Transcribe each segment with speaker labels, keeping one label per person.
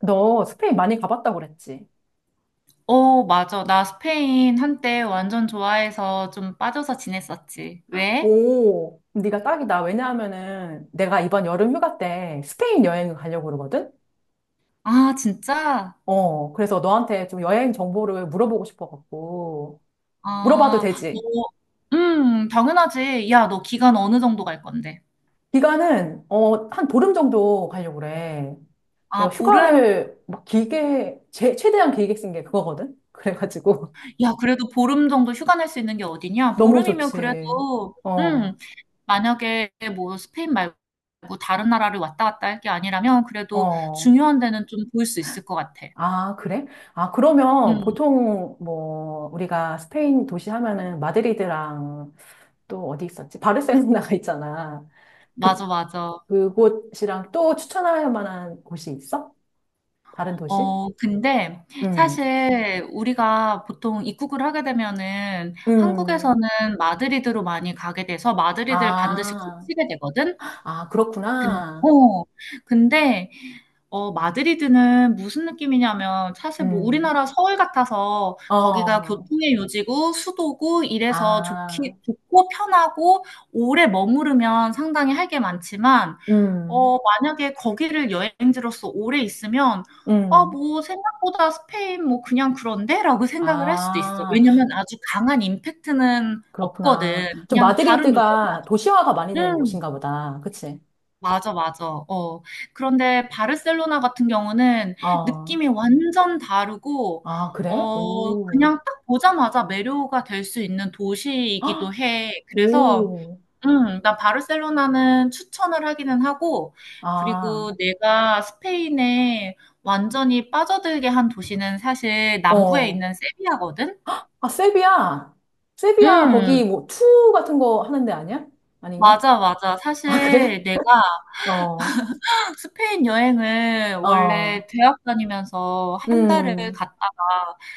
Speaker 1: 너 스페인 많이 가봤다고 그랬지?
Speaker 2: 어, 맞아. 나 스페인 한때 완전 좋아해서 좀 빠져서 지냈었지. 왜?
Speaker 1: 오, 네가 딱이다. 왜냐하면은 내가 이번 여름 휴가 때 스페인 여행을 가려고 그러거든?
Speaker 2: 아, 진짜?
Speaker 1: 그래서 너한테 좀 여행 정보를 물어보고 싶어갖고. 물어봐도
Speaker 2: 아, 너,
Speaker 1: 되지?
Speaker 2: 당연하지. 야, 너 기간 어느 정도 갈 건데?
Speaker 1: 기간은 한 보름 정도 가려고 그래. 내가
Speaker 2: 아, 보름?
Speaker 1: 휴가를 막 길게, 제, 최대한 길게 쓴 게 그거거든? 그래가지고.
Speaker 2: 야, 그래도 보름 정도 휴가 낼 수 있는 게 어디냐?
Speaker 1: 너무
Speaker 2: 보름이면
Speaker 1: 좋지.
Speaker 2: 그래도,
Speaker 1: 어,
Speaker 2: 만약에 뭐 스페인 말고 다른 나라를 왔다 갔다 할 게 아니라면 그래도
Speaker 1: 어.
Speaker 2: 중요한 데는 좀 볼 수 있을 것 같아.
Speaker 1: 아, 그래? 아, 그러면
Speaker 2: 음,
Speaker 1: 보통 뭐 우리가 스페인 도시 하면은 마드리드랑 또 어디 있었지? 바르셀로나가 있잖아. 그
Speaker 2: 맞아, 맞아.
Speaker 1: 그곳이랑 또 추천할 만한 곳이 있어? 다른 도시?
Speaker 2: 근데
Speaker 1: 음.
Speaker 2: 사실 우리가 보통 입국을 하게 되면은 한국에서는
Speaker 1: 음.
Speaker 2: 마드리드로 많이 가게 돼서 마드리드를 반드시
Speaker 1: 아.
Speaker 2: 거치게 되거든?
Speaker 1: 아,
Speaker 2: 근,
Speaker 1: 그렇구나.
Speaker 2: 어, 근데, 어, 마드리드는 무슨 느낌이냐면 사실 뭐
Speaker 1: 음.
Speaker 2: 우리나라 서울 같아서 거기가
Speaker 1: 어.
Speaker 2: 교통의 요지고 수도고 이래서 좋기,
Speaker 1: 아.
Speaker 2: 좋고 편하고 오래 머무르면 상당히 할 게 많지만
Speaker 1: 음.
Speaker 2: 만약에 거기를 여행지로서 오래 있으면, 아,
Speaker 1: 음.
Speaker 2: 뭐, 생각보다 스페인 뭐 그냥 그런데? 라고 생각을 할 수도 있어.
Speaker 1: 아,
Speaker 2: 왜냐면 아주 강한 임팩트는
Speaker 1: 그렇구나.
Speaker 2: 없거든.
Speaker 1: 좀
Speaker 2: 그냥 다른
Speaker 1: 마드리드가
Speaker 2: 유럽이랑,
Speaker 1: 도시화가 많이 된
Speaker 2: 음,
Speaker 1: 곳인가 보다. 그치?
Speaker 2: 맞아, 맞아. 어. 그런데 바르셀로나 같은 경우는
Speaker 1: 어.
Speaker 2: 느낌이 완전 다르고,
Speaker 1: 아, 그래? 오.
Speaker 2: 그냥 딱 보자마자 매료가 될 수 있는
Speaker 1: 아,
Speaker 2: 도시이기도 해. 그래서,
Speaker 1: 오.
Speaker 2: 나 바르셀로나는 추천을 하기는 하고,
Speaker 1: 아,
Speaker 2: 그리고 내가 스페인에 완전히 빠져들게 한 도시는 사실 남부에
Speaker 1: 어.
Speaker 2: 있는 세비야거든?
Speaker 1: 아, 세비야. 세비야,
Speaker 2: 음,
Speaker 1: 거기 뭐, 투 같은 거 하는 데 아니야? 아닌가?
Speaker 2: 맞아, 맞아.
Speaker 1: 아,
Speaker 2: 사실
Speaker 1: 그래?
Speaker 2: 내가
Speaker 1: 어,
Speaker 2: 스페인 여행을
Speaker 1: 어,
Speaker 2: 원래 대학 다니면서 한 달을
Speaker 1: 음,
Speaker 2: 갔다가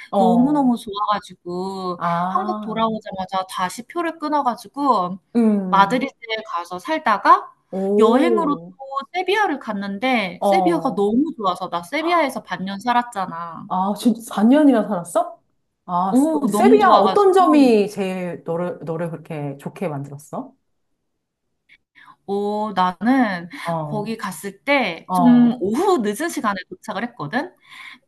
Speaker 1: 어,
Speaker 2: 너무너무 좋아가지고 한국
Speaker 1: 아,
Speaker 2: 돌아오자마자 다시 표를 끊어가지고
Speaker 1: 음,
Speaker 2: 마드리드에 가서 살다가 여행으로 또
Speaker 1: 오,
Speaker 2: 세비야를 갔는데 세비야가
Speaker 1: 어.
Speaker 2: 너무 좋아서 나
Speaker 1: 헉,
Speaker 2: 세비야에서 반년 살았잖아.
Speaker 1: 아, 진짜 4년이나 살았어? 아,
Speaker 2: 오,
Speaker 1: 근데
Speaker 2: 너무
Speaker 1: 세비야, 어떤
Speaker 2: 좋아가지고
Speaker 1: 점이 제일 너를, 너를 그렇게 좋게 만들었어?
Speaker 2: 어, 나는
Speaker 1: 어,
Speaker 2: 거기 갔을 때 좀
Speaker 1: 어,
Speaker 2: 오후 늦은 시간에 도착을 했거든?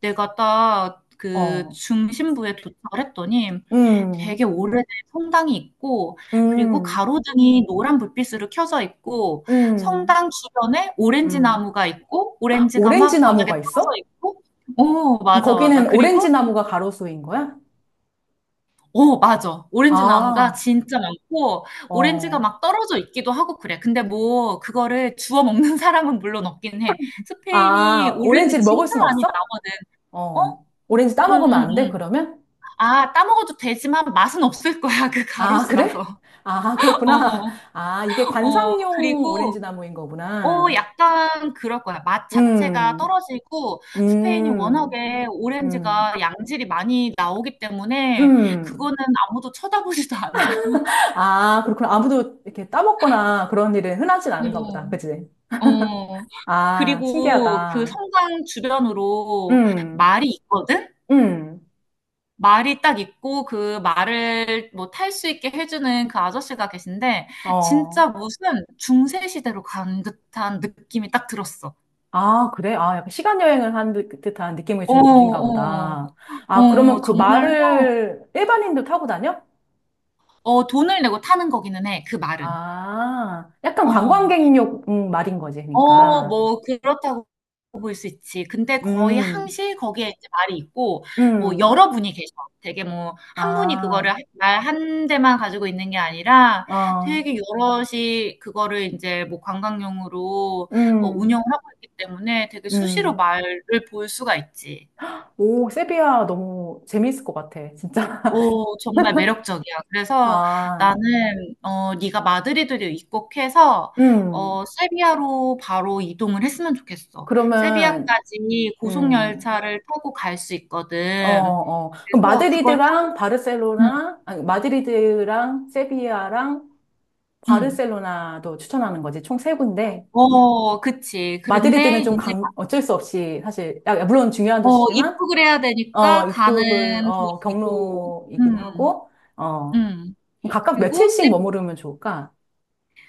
Speaker 2: 내가 딱 그
Speaker 1: 어.
Speaker 2: 중심부에 도착을 했더니
Speaker 1: 음.
Speaker 2: 되게 오래된 성당이 있고, 그리고
Speaker 1: 음,
Speaker 2: 가로등이 노란 불빛으로 켜져 있고,
Speaker 1: 음,
Speaker 2: 성당 주변에 오렌지
Speaker 1: 음.
Speaker 2: 나무가 있고, 오렌지가
Speaker 1: 오렌지
Speaker 2: 막 바닥에
Speaker 1: 나무가
Speaker 2: 떨어져
Speaker 1: 있어?
Speaker 2: 있고, 오,
Speaker 1: 그럼
Speaker 2: 맞아, 맞아.
Speaker 1: 거기는 오렌지 나무가 가로수인 거야?
Speaker 2: 맞아. 오렌지 나무가
Speaker 1: 아,
Speaker 2: 진짜 많고, 오렌지가
Speaker 1: 어.
Speaker 2: 막 떨어져 있기도 하고 그래. 근데 뭐, 그거를 주워 먹는 사람은 물론 없긴 해. 스페인이
Speaker 1: 아,
Speaker 2: 오렌지
Speaker 1: 오렌지를 먹을
Speaker 2: 진짜
Speaker 1: 순
Speaker 2: 많이
Speaker 1: 없어?
Speaker 2: 나거든. 어?
Speaker 1: 어. 오렌지
Speaker 2: 응,
Speaker 1: 따먹으면
Speaker 2: 응,
Speaker 1: 안 돼,
Speaker 2: 응.
Speaker 1: 그러면?
Speaker 2: 아, 따먹어도 되지만 맛은 없을 거야. 그
Speaker 1: 아,
Speaker 2: 가로수라서.
Speaker 1: 그래? 아, 그렇구나.
Speaker 2: 어,
Speaker 1: 아, 이게 관상용 오렌지
Speaker 2: 그리고,
Speaker 1: 나무인 거구나.
Speaker 2: 약간 그럴 거야. 맛 자체가
Speaker 1: 음,
Speaker 2: 떨어지고, 스페인이
Speaker 1: 음,
Speaker 2: 워낙에
Speaker 1: 음,
Speaker 2: 오렌지가 양질이 많이 나오기 때문에,
Speaker 1: 음.
Speaker 2: 그거는 아무도 쳐다보지도 않아.
Speaker 1: 아, 그렇구나. 아무도 이렇게 따먹거나 그런 일은 흔하진 않은가 보다. 그치?
Speaker 2: 어, 어.
Speaker 1: 아,
Speaker 2: 그리고 그
Speaker 1: 신기하다.
Speaker 2: 성당 주변으로
Speaker 1: 음.
Speaker 2: 말이 있거든?
Speaker 1: 음,
Speaker 2: 말이 딱 있고 그 말을 뭐 탈 수 있게 해주는 그 아저씨가 계신데 진짜
Speaker 1: 어.
Speaker 2: 무슨 중세 시대로 간 듯한 느낌이 딱 들었어.
Speaker 1: 아, 그래? 아, 약간 시간 여행을 한 듯한 느낌을
Speaker 2: 어,
Speaker 1: 주는 도시인가
Speaker 2: 어,
Speaker 1: 보다. 아,
Speaker 2: 어,
Speaker 1: 그러면 그
Speaker 2: 정말로
Speaker 1: 말을 일반인도 타고 다녀?
Speaker 2: 돈을 내고 타는 거기는 해. 그 말은.
Speaker 1: 아, 약간
Speaker 2: 어.
Speaker 1: 관광객용 말인 거지,
Speaker 2: 어,
Speaker 1: 그러니까.
Speaker 2: 뭐, 그렇다고 볼 수 있지. 근데 거의
Speaker 1: 음,
Speaker 2: 항시 거기에 이제 말이 있고, 뭐,
Speaker 1: 음,
Speaker 2: 여러 분이 계셔. 되게 뭐, 한 분이
Speaker 1: 아,
Speaker 2: 그거를 말 한 대만 가지고 있는 게 아니라
Speaker 1: 어,
Speaker 2: 되게 여럿이 그거를 이제 뭐 관광용으로
Speaker 1: 음,
Speaker 2: 운영을 하고 있기 때문에 되게 수시로
Speaker 1: 음.
Speaker 2: 말을 볼 수가 있지.
Speaker 1: 오, 세비야 너무 재미있을 것 같아, 진짜.
Speaker 2: 오, 정말 매력적이야. 그래서
Speaker 1: 아,
Speaker 2: 나는 네가 마드리드를 입국해서
Speaker 1: 음.
Speaker 2: 세비야로 바로 이동을 했으면 좋겠어.
Speaker 1: 그러면,
Speaker 2: 세비야까지 고속
Speaker 1: 음.
Speaker 2: 열차를 타고 갈 수
Speaker 1: 어,
Speaker 2: 있거든.
Speaker 1: 어. 그럼
Speaker 2: 그래서 그걸 타고
Speaker 1: 마드리드랑
Speaker 2: 응,
Speaker 1: 바르셀로나, 아니, 마드리드랑 세비야랑
Speaker 2: 응.
Speaker 1: 바르셀로나도 추천하는 거지. 총 세 군데.
Speaker 2: 어, 그치. 그런데
Speaker 1: 마드리드는 좀
Speaker 2: 이제
Speaker 1: 강, 어쩔 수 없이 사실, 야, 물론 중요한 도시지만,
Speaker 2: 입국을 해야
Speaker 1: 어,
Speaker 2: 되니까 가는
Speaker 1: 입국을, 어,
Speaker 2: 도시고
Speaker 1: 경로이기도
Speaker 2: 음.
Speaker 1: 하고, 어,
Speaker 2: 음.
Speaker 1: 각각
Speaker 2: 그리고
Speaker 1: 며칠씩
Speaker 2: 세비아까지.
Speaker 1: 머무르면 좋을까?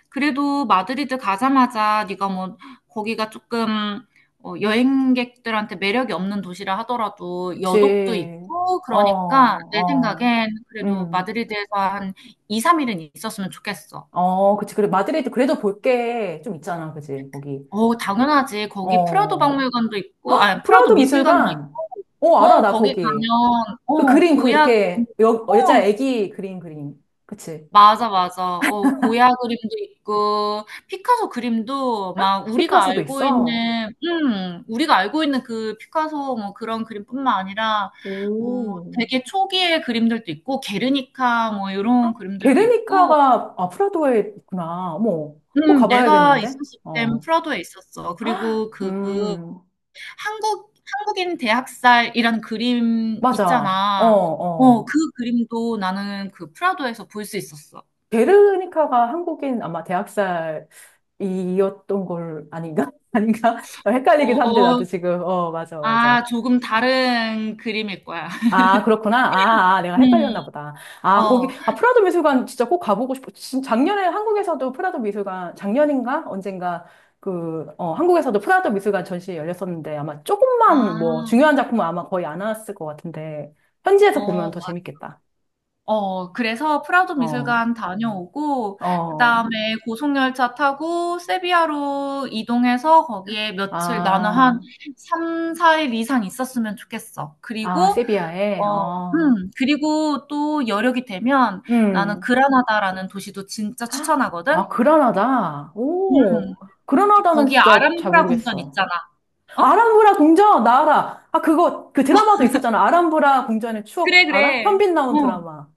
Speaker 2: 그래도 마드리드 가자마자 네가 뭐 거기가 조금 어, 여행객들한테 매력이 없는 도시라 하더라도 여독도
Speaker 1: 그치.
Speaker 2: 있고
Speaker 1: 어,
Speaker 2: 그러니까 내
Speaker 1: 어,
Speaker 2: 생각엔 그래도
Speaker 1: 음,
Speaker 2: 마드리드에서 한 2, 3일은 있었으면 좋겠어.
Speaker 1: 어, 그치. 그래, 마드리드 그래도 볼 게 좀 있잖아. 그치. 거기.
Speaker 2: 어, 당연하지. 거기 프라도
Speaker 1: 어,
Speaker 2: 박물관도 있고, 아, 프라도
Speaker 1: 프라우드
Speaker 2: 미술관도
Speaker 1: 미술관.
Speaker 2: 있고,
Speaker 1: 어, 알아,
Speaker 2: 어,
Speaker 1: 나
Speaker 2: 거기
Speaker 1: 거기.
Speaker 2: 가면,
Speaker 1: 그
Speaker 2: 어,
Speaker 1: 그림, 그
Speaker 2: 고야,
Speaker 1: 이렇게, 여, 여자
Speaker 2: 어,
Speaker 1: 애기 그림, 그림. 그치.
Speaker 2: 맞아, 맞아. 고야 그림도 있고 피카소 그림도 막 우리가
Speaker 1: 피카소도
Speaker 2: 알고
Speaker 1: 있어.
Speaker 2: 있는 그 피카소 뭐 그런 그림뿐만 아니라 뭐
Speaker 1: 오.
Speaker 2: 되게 초기의 그림들도 있고 게르니카 뭐 이런 그림들도 있고
Speaker 1: 게르니카가, 아, 프라도에 있구나. 어머, 뭐
Speaker 2: 내가
Speaker 1: 가봐야겠는데?
Speaker 2: 있었을 땐
Speaker 1: 어.
Speaker 2: 프라도에 있었어. 그리고 그
Speaker 1: 음,
Speaker 2: 한국인 대학살이라는 그림
Speaker 1: 맞아. 어,
Speaker 2: 있잖아.
Speaker 1: 어.
Speaker 2: 그 그림도 나는 그 프라도에서 볼 수 있었어.
Speaker 1: 게르니카가 한국인 아마 대학살이었던 걸 아닌가? 아닌가? 헷갈리긴 한데,
Speaker 2: 어어.
Speaker 1: 나도 지금. 어, 맞아, 맞아.
Speaker 2: 아 조금 다른 그림일 거야.
Speaker 1: 아, 그렇구나. 아, 아, 내가 헷갈렸나
Speaker 2: 음.
Speaker 1: 보다. 아, 거기,
Speaker 2: 어.
Speaker 1: 아, 프라도 미술관 진짜 꼭 가보고 싶어. 작년에 한국에서도 프라도 미술관, 작년인가? 언젠가, 그, 어, 한국에서도 프라도 미술관 전시 열렸었는데 아마 조금만 뭐,
Speaker 2: 아.
Speaker 1: 중요한 작품은 아마 거의 안 나왔을 것 같은데, 현지에서 보면
Speaker 2: 어
Speaker 1: 더
Speaker 2: 맞
Speaker 1: 재밌겠다.
Speaker 2: 어 그래서 프라도
Speaker 1: 어,
Speaker 2: 미술관 다녀오고
Speaker 1: 어,
Speaker 2: 그다음에 고속열차 타고 세비야로 이동해서 거기에 며칠 나는 한
Speaker 1: 아,
Speaker 2: 3-4일 이상 있었으면 좋겠어.
Speaker 1: 아,
Speaker 2: 그리고
Speaker 1: 세비야에,
Speaker 2: 어
Speaker 1: 어,
Speaker 2: 그리고 또 여력이 되면 나는
Speaker 1: 음.
Speaker 2: 그라나다라는 도시도 진짜 추천하거든.
Speaker 1: 아, 그라나다.
Speaker 2: 음.
Speaker 1: 오, 그라나다는
Speaker 2: 거기
Speaker 1: 진짜 잘
Speaker 2: 아람브라 궁전
Speaker 1: 모르겠어.
Speaker 2: 있잖아. 어?
Speaker 1: 아람브라 궁전, 나 알아. 아, 그거, 그 드라마도 있었잖아. 아람브라 궁전의 추억,
Speaker 2: 그래,
Speaker 1: 알아?
Speaker 2: 그래.
Speaker 1: 현빈 나온
Speaker 2: 어.
Speaker 1: 드라마.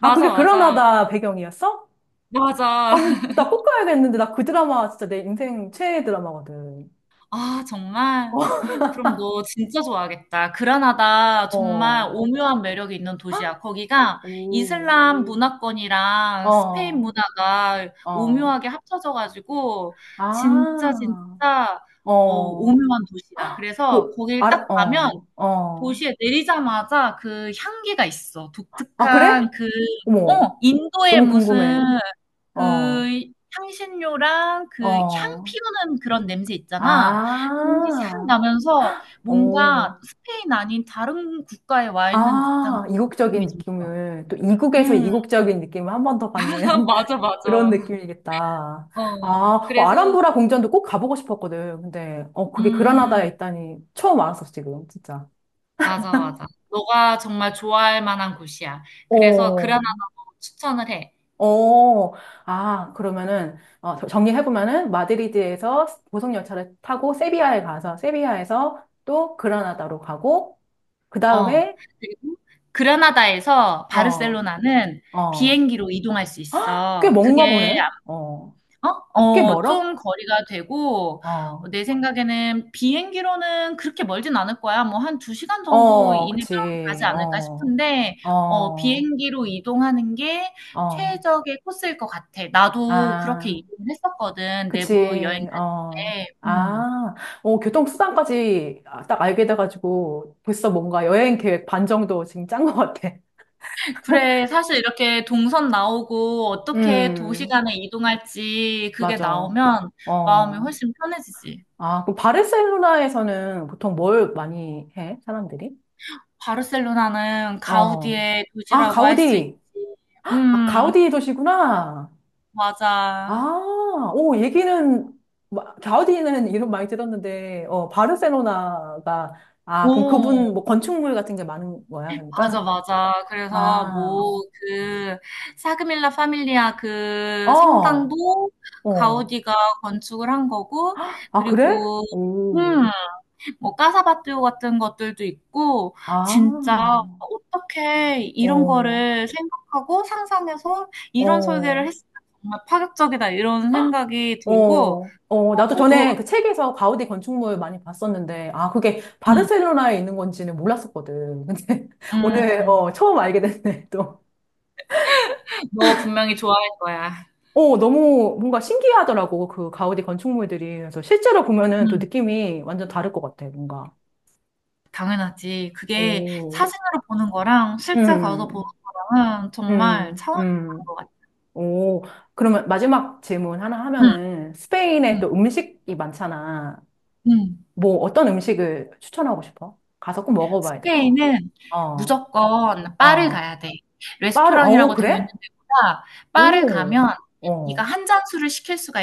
Speaker 1: 아, 그게
Speaker 2: 맞아.
Speaker 1: 그라나다 배경이었어? 아,
Speaker 2: 맞아.
Speaker 1: 나 꼭 가야겠는데. 나 그 드라마 진짜 내 인생 최애 드라마거든.
Speaker 2: 아, 정말? 그럼 너 진짜 좋아하겠다. 그라나다 정말
Speaker 1: 어,
Speaker 2: 오묘한 매력이 있는 도시야. 거기가
Speaker 1: 오,
Speaker 2: 이슬람 문화권이랑 스페인
Speaker 1: 어,
Speaker 2: 문화가
Speaker 1: 어.
Speaker 2: 오묘하게 합쳐져가지고 진짜
Speaker 1: 아,
Speaker 2: 진짜 어,
Speaker 1: 어.
Speaker 2: 오묘한 도시야. 그래서
Speaker 1: 그,
Speaker 2: 거길 딱
Speaker 1: 알아,
Speaker 2: 가면
Speaker 1: 어, 어.
Speaker 2: 도시에 내리자마자 그 향기가 있어.
Speaker 1: 아, 그래?
Speaker 2: 독특한 그,
Speaker 1: 어머,
Speaker 2: 어, 인도의
Speaker 1: 너무
Speaker 2: 무슨
Speaker 1: 궁금해. 어,
Speaker 2: 그 향신료랑 그 향
Speaker 1: 어.
Speaker 2: 피우는 그런 냄새 있잖아. 그런 게 싹
Speaker 1: 아,
Speaker 2: 나면서 뭔가
Speaker 1: 오.
Speaker 2: 스페인 아닌 다른 국가에 와 있는 듯한
Speaker 1: 아,
Speaker 2: 그런
Speaker 1: 이국적인
Speaker 2: 느낌이 좀 들어.
Speaker 1: 느낌을, 또 이국에서
Speaker 2: 음.
Speaker 1: 이국적인 느낌을 한 번 더 받는
Speaker 2: 맞아,
Speaker 1: 그런
Speaker 2: 맞아.
Speaker 1: 느낌이겠다. 아,
Speaker 2: 어.
Speaker 1: 어,
Speaker 2: 그래서
Speaker 1: 아람브라 궁전도 꼭 가보고 싶었거든. 근데, 어, 그게 그라나다에
Speaker 2: 음.
Speaker 1: 있다니 처음 알았어, 지금, 진짜.
Speaker 2: 맞아, 맞아. 너가 정말 좋아할 만한 곳이야. 그래서
Speaker 1: 어,
Speaker 2: 그라나다도 추천을 해.
Speaker 1: 어, 아, 그러면은, 어, 정리해보면은, 마드리드에서 고속열차를 타고 세비야에 가서, 세비야에서 또 그라나다로 가고, 그
Speaker 2: 어.
Speaker 1: 다음에,
Speaker 2: 그리고 그라나다에서
Speaker 1: 어,
Speaker 2: 바르셀로나는
Speaker 1: 어,
Speaker 2: 비행기로 이동할 수
Speaker 1: 꽤
Speaker 2: 있어.
Speaker 1: 먼가
Speaker 2: 그게
Speaker 1: 보네. 어,
Speaker 2: 어?
Speaker 1: 꽤
Speaker 2: 어,
Speaker 1: 멀어?
Speaker 2: 좀 거리가 되고, 어,
Speaker 1: 어.
Speaker 2: 내 생각에는 비행기로는 그렇게 멀진 않을 거야. 뭐 한 두 시간 정도
Speaker 1: 어,
Speaker 2: 이내면
Speaker 1: 그치.
Speaker 2: 가지 않을까
Speaker 1: 어,
Speaker 2: 싶은데, 어,
Speaker 1: 어,
Speaker 2: 비행기로 이동하는 게
Speaker 1: 어,
Speaker 2: 최적의 코스일 것 같아. 나도 그렇게
Speaker 1: 아,
Speaker 2: 이동을 했었거든. 내부 여행
Speaker 1: 그치.
Speaker 2: 다닐
Speaker 1: 어,
Speaker 2: 때. 음.
Speaker 1: 아, 어, 교통수단까지 딱 알게 돼가지고 벌써 뭔가 여행 계획 반 정도 지금 짠 것 같아.
Speaker 2: 그래, 사실 이렇게 동선 나오고 어떻게 도시
Speaker 1: 음,
Speaker 2: 간에 이동할지 그게
Speaker 1: 맞아.
Speaker 2: 나오면 마음이
Speaker 1: 어,
Speaker 2: 훨씬 편해지지.
Speaker 1: 아, 그럼 바르셀로나에서는 보통 뭘 많이 해, 사람들이?
Speaker 2: 바르셀로나는
Speaker 1: 어,
Speaker 2: 가우디의
Speaker 1: 아,
Speaker 2: 도시라고 할 수 있지.
Speaker 1: 가우디. 아,
Speaker 2: 음,
Speaker 1: 가우디 도시구나.
Speaker 2: 맞아.
Speaker 1: 아, 오, 얘기는, 가우디는 이름 많이 들었는데, 어, 바르셀로나가, 아, 그럼
Speaker 2: 오,
Speaker 1: 그분 뭐 건축물 같은 게 많은 거야,
Speaker 2: 맞아,
Speaker 1: 그러니까?
Speaker 2: 맞아. 그래서
Speaker 1: 아,
Speaker 2: 뭐 그 사그밀라 파밀리아 그
Speaker 1: 어,
Speaker 2: 성당도
Speaker 1: 어.
Speaker 2: 가우디가 건축을 한 거고,
Speaker 1: 아, 그래?
Speaker 2: 그리고
Speaker 1: 오,
Speaker 2: 음, 뭐 까사바띠오 같은 것들도 있고, 진짜
Speaker 1: 아,
Speaker 2: 어떻게 이런
Speaker 1: 어,
Speaker 2: 거를 생각하고 상상해서 이런
Speaker 1: 어,
Speaker 2: 설계를 했을까 정말 파격적이다 이런 생각이 들고.
Speaker 1: 어, 어.
Speaker 2: 아
Speaker 1: 나도
Speaker 2: 너도?
Speaker 1: 전에 그 책에서 가우디 건축물 많이 봤었는데, 아, 그게
Speaker 2: 응,
Speaker 1: 바르셀로나에 있는 건지는 몰랐었거든. 근데
Speaker 2: 응.
Speaker 1: 오늘, 어, 처음 알게 됐네, 또.
Speaker 2: 너 분명히 좋아할 거야.
Speaker 1: 어, 너무 뭔가 신기하더라고, 그 가우디 건축물들이. 그래서 실제로 보면은 또
Speaker 2: 응,
Speaker 1: 느낌이 완전 다를 것 같아, 뭔가.
Speaker 2: 당연하지. 그게
Speaker 1: 오,
Speaker 2: 사진으로 보는 거랑 실제 가서 보는
Speaker 1: 음,
Speaker 2: 거랑은 정말
Speaker 1: 음,
Speaker 2: 차원이 다른 것
Speaker 1: 음.
Speaker 2: 같아.
Speaker 1: 오, 그러면 마지막 질문 하나
Speaker 2: 응,
Speaker 1: 하면은 스페인에
Speaker 2: 응,
Speaker 1: 또 음식이 많잖아.
Speaker 2: 응.
Speaker 1: 뭐 어떤 음식을 추천하고 싶어? 가서 꼭 먹어봐야 될 거.
Speaker 2: 스페인은
Speaker 1: 어,
Speaker 2: 무조건 바를
Speaker 1: 어.
Speaker 2: 가야 돼.
Speaker 1: 빠르, 어,
Speaker 2: 레스토랑이라고 되어 있는
Speaker 1: 그래?
Speaker 2: 데보다 바를
Speaker 1: 오,
Speaker 2: 가면 네가
Speaker 1: 어,
Speaker 2: 한 잔술을 시킬 수가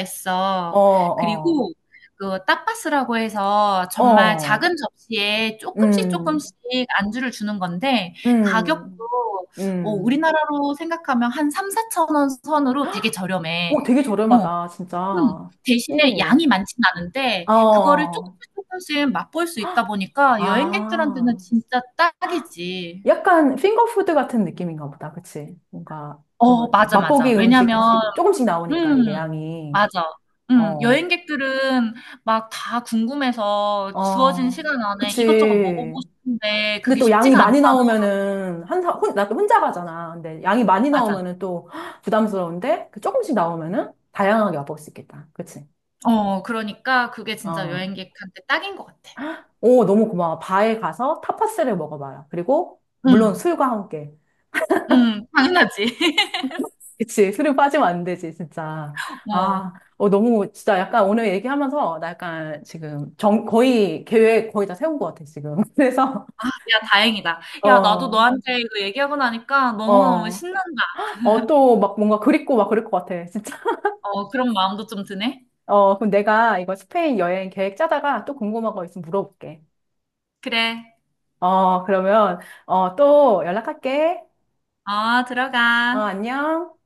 Speaker 1: 어,
Speaker 2: 있어.
Speaker 1: 어,
Speaker 2: 그리고 그 타파스라고 해서 정말
Speaker 1: 어,
Speaker 2: 작은 접시에 쪼끔씩
Speaker 1: 음,
Speaker 2: 쪼끔씩 안주를 주는 건데 가격도
Speaker 1: 음,
Speaker 2: 뭐
Speaker 1: 음.
Speaker 2: 우리나라로 생각하면 한 3 4천원 선으로 되게 저렴해.
Speaker 1: 오, 되게
Speaker 2: 어.
Speaker 1: 저렴하다,
Speaker 2: 음.
Speaker 1: 진짜.
Speaker 2: 대신에
Speaker 1: 오,
Speaker 2: 양이 많진 않은데 그거를 조금
Speaker 1: 어,
Speaker 2: 씩 조금씩 맛볼 수 있다
Speaker 1: 헉,
Speaker 2: 보니까 여행객들한테는
Speaker 1: 아,
Speaker 2: 진짜
Speaker 1: 헉,
Speaker 2: 딱이지.
Speaker 1: 약간 핑거푸드 같은 느낌인가 보다, 그치? 뭔가 그런
Speaker 2: 맞아, 맞아.
Speaker 1: 맛보기 음식
Speaker 2: 왜냐면
Speaker 1: 조금씩 나오니까
Speaker 2: 음
Speaker 1: 이게 양이,
Speaker 2: 맞아.
Speaker 1: 어,
Speaker 2: 여행객들은 막 다 궁금해서 주어진
Speaker 1: 어,
Speaker 2: 시간 안에 이것저것
Speaker 1: 그치.
Speaker 2: 먹어보고 싶은데
Speaker 1: 근데
Speaker 2: 그게
Speaker 1: 또 양이
Speaker 2: 쉽지가 않다
Speaker 1: 많이 나오면은 한 사, 혼, 나 혼자 가잖아. 근데 양이 많이
Speaker 2: 맞아.
Speaker 1: 나오면은 또 헉, 부담스러운데 그 조금씩 나오면은 다양하게 맛볼 수 있겠다, 그치?
Speaker 2: 그러니까 그게 진짜
Speaker 1: 어,
Speaker 2: 여행객한테 딱인 것 같아.
Speaker 1: 오, 너무 고마워. 바에 가서 타파스를 먹어봐요. 그리고,
Speaker 2: 음.
Speaker 1: 물론 술과 함께.
Speaker 2: 음. 당연하지.
Speaker 1: 그치, 술은 빠지면 안 되지, 진짜.
Speaker 2: 어.
Speaker 1: 아, 어, 너무, 진짜 약간 오늘 얘기하면서, 나 약간 지금, 정, 거의, 계획 거의 다 세운 것 같아, 지금. 그래서,
Speaker 2: 아 야 다행이다. 야 나도
Speaker 1: 어,
Speaker 2: 너한테 이거 얘기하고 나니까 너무너무
Speaker 1: 어,
Speaker 2: 신난다.
Speaker 1: 어, 또 막 뭔가 그립고 막 그럴 것 같아, 진짜.
Speaker 2: 어, 그런 마음도 좀 드네.
Speaker 1: 어, 그럼 내가 이거 스페인 여행 계획 짜다가 또 궁금한 거 있으면 물어볼게.
Speaker 2: 그래.
Speaker 1: 어, 그러면, 어, 또 연락할게.
Speaker 2: 어,
Speaker 1: 어,
Speaker 2: 들어가.
Speaker 1: 안녕.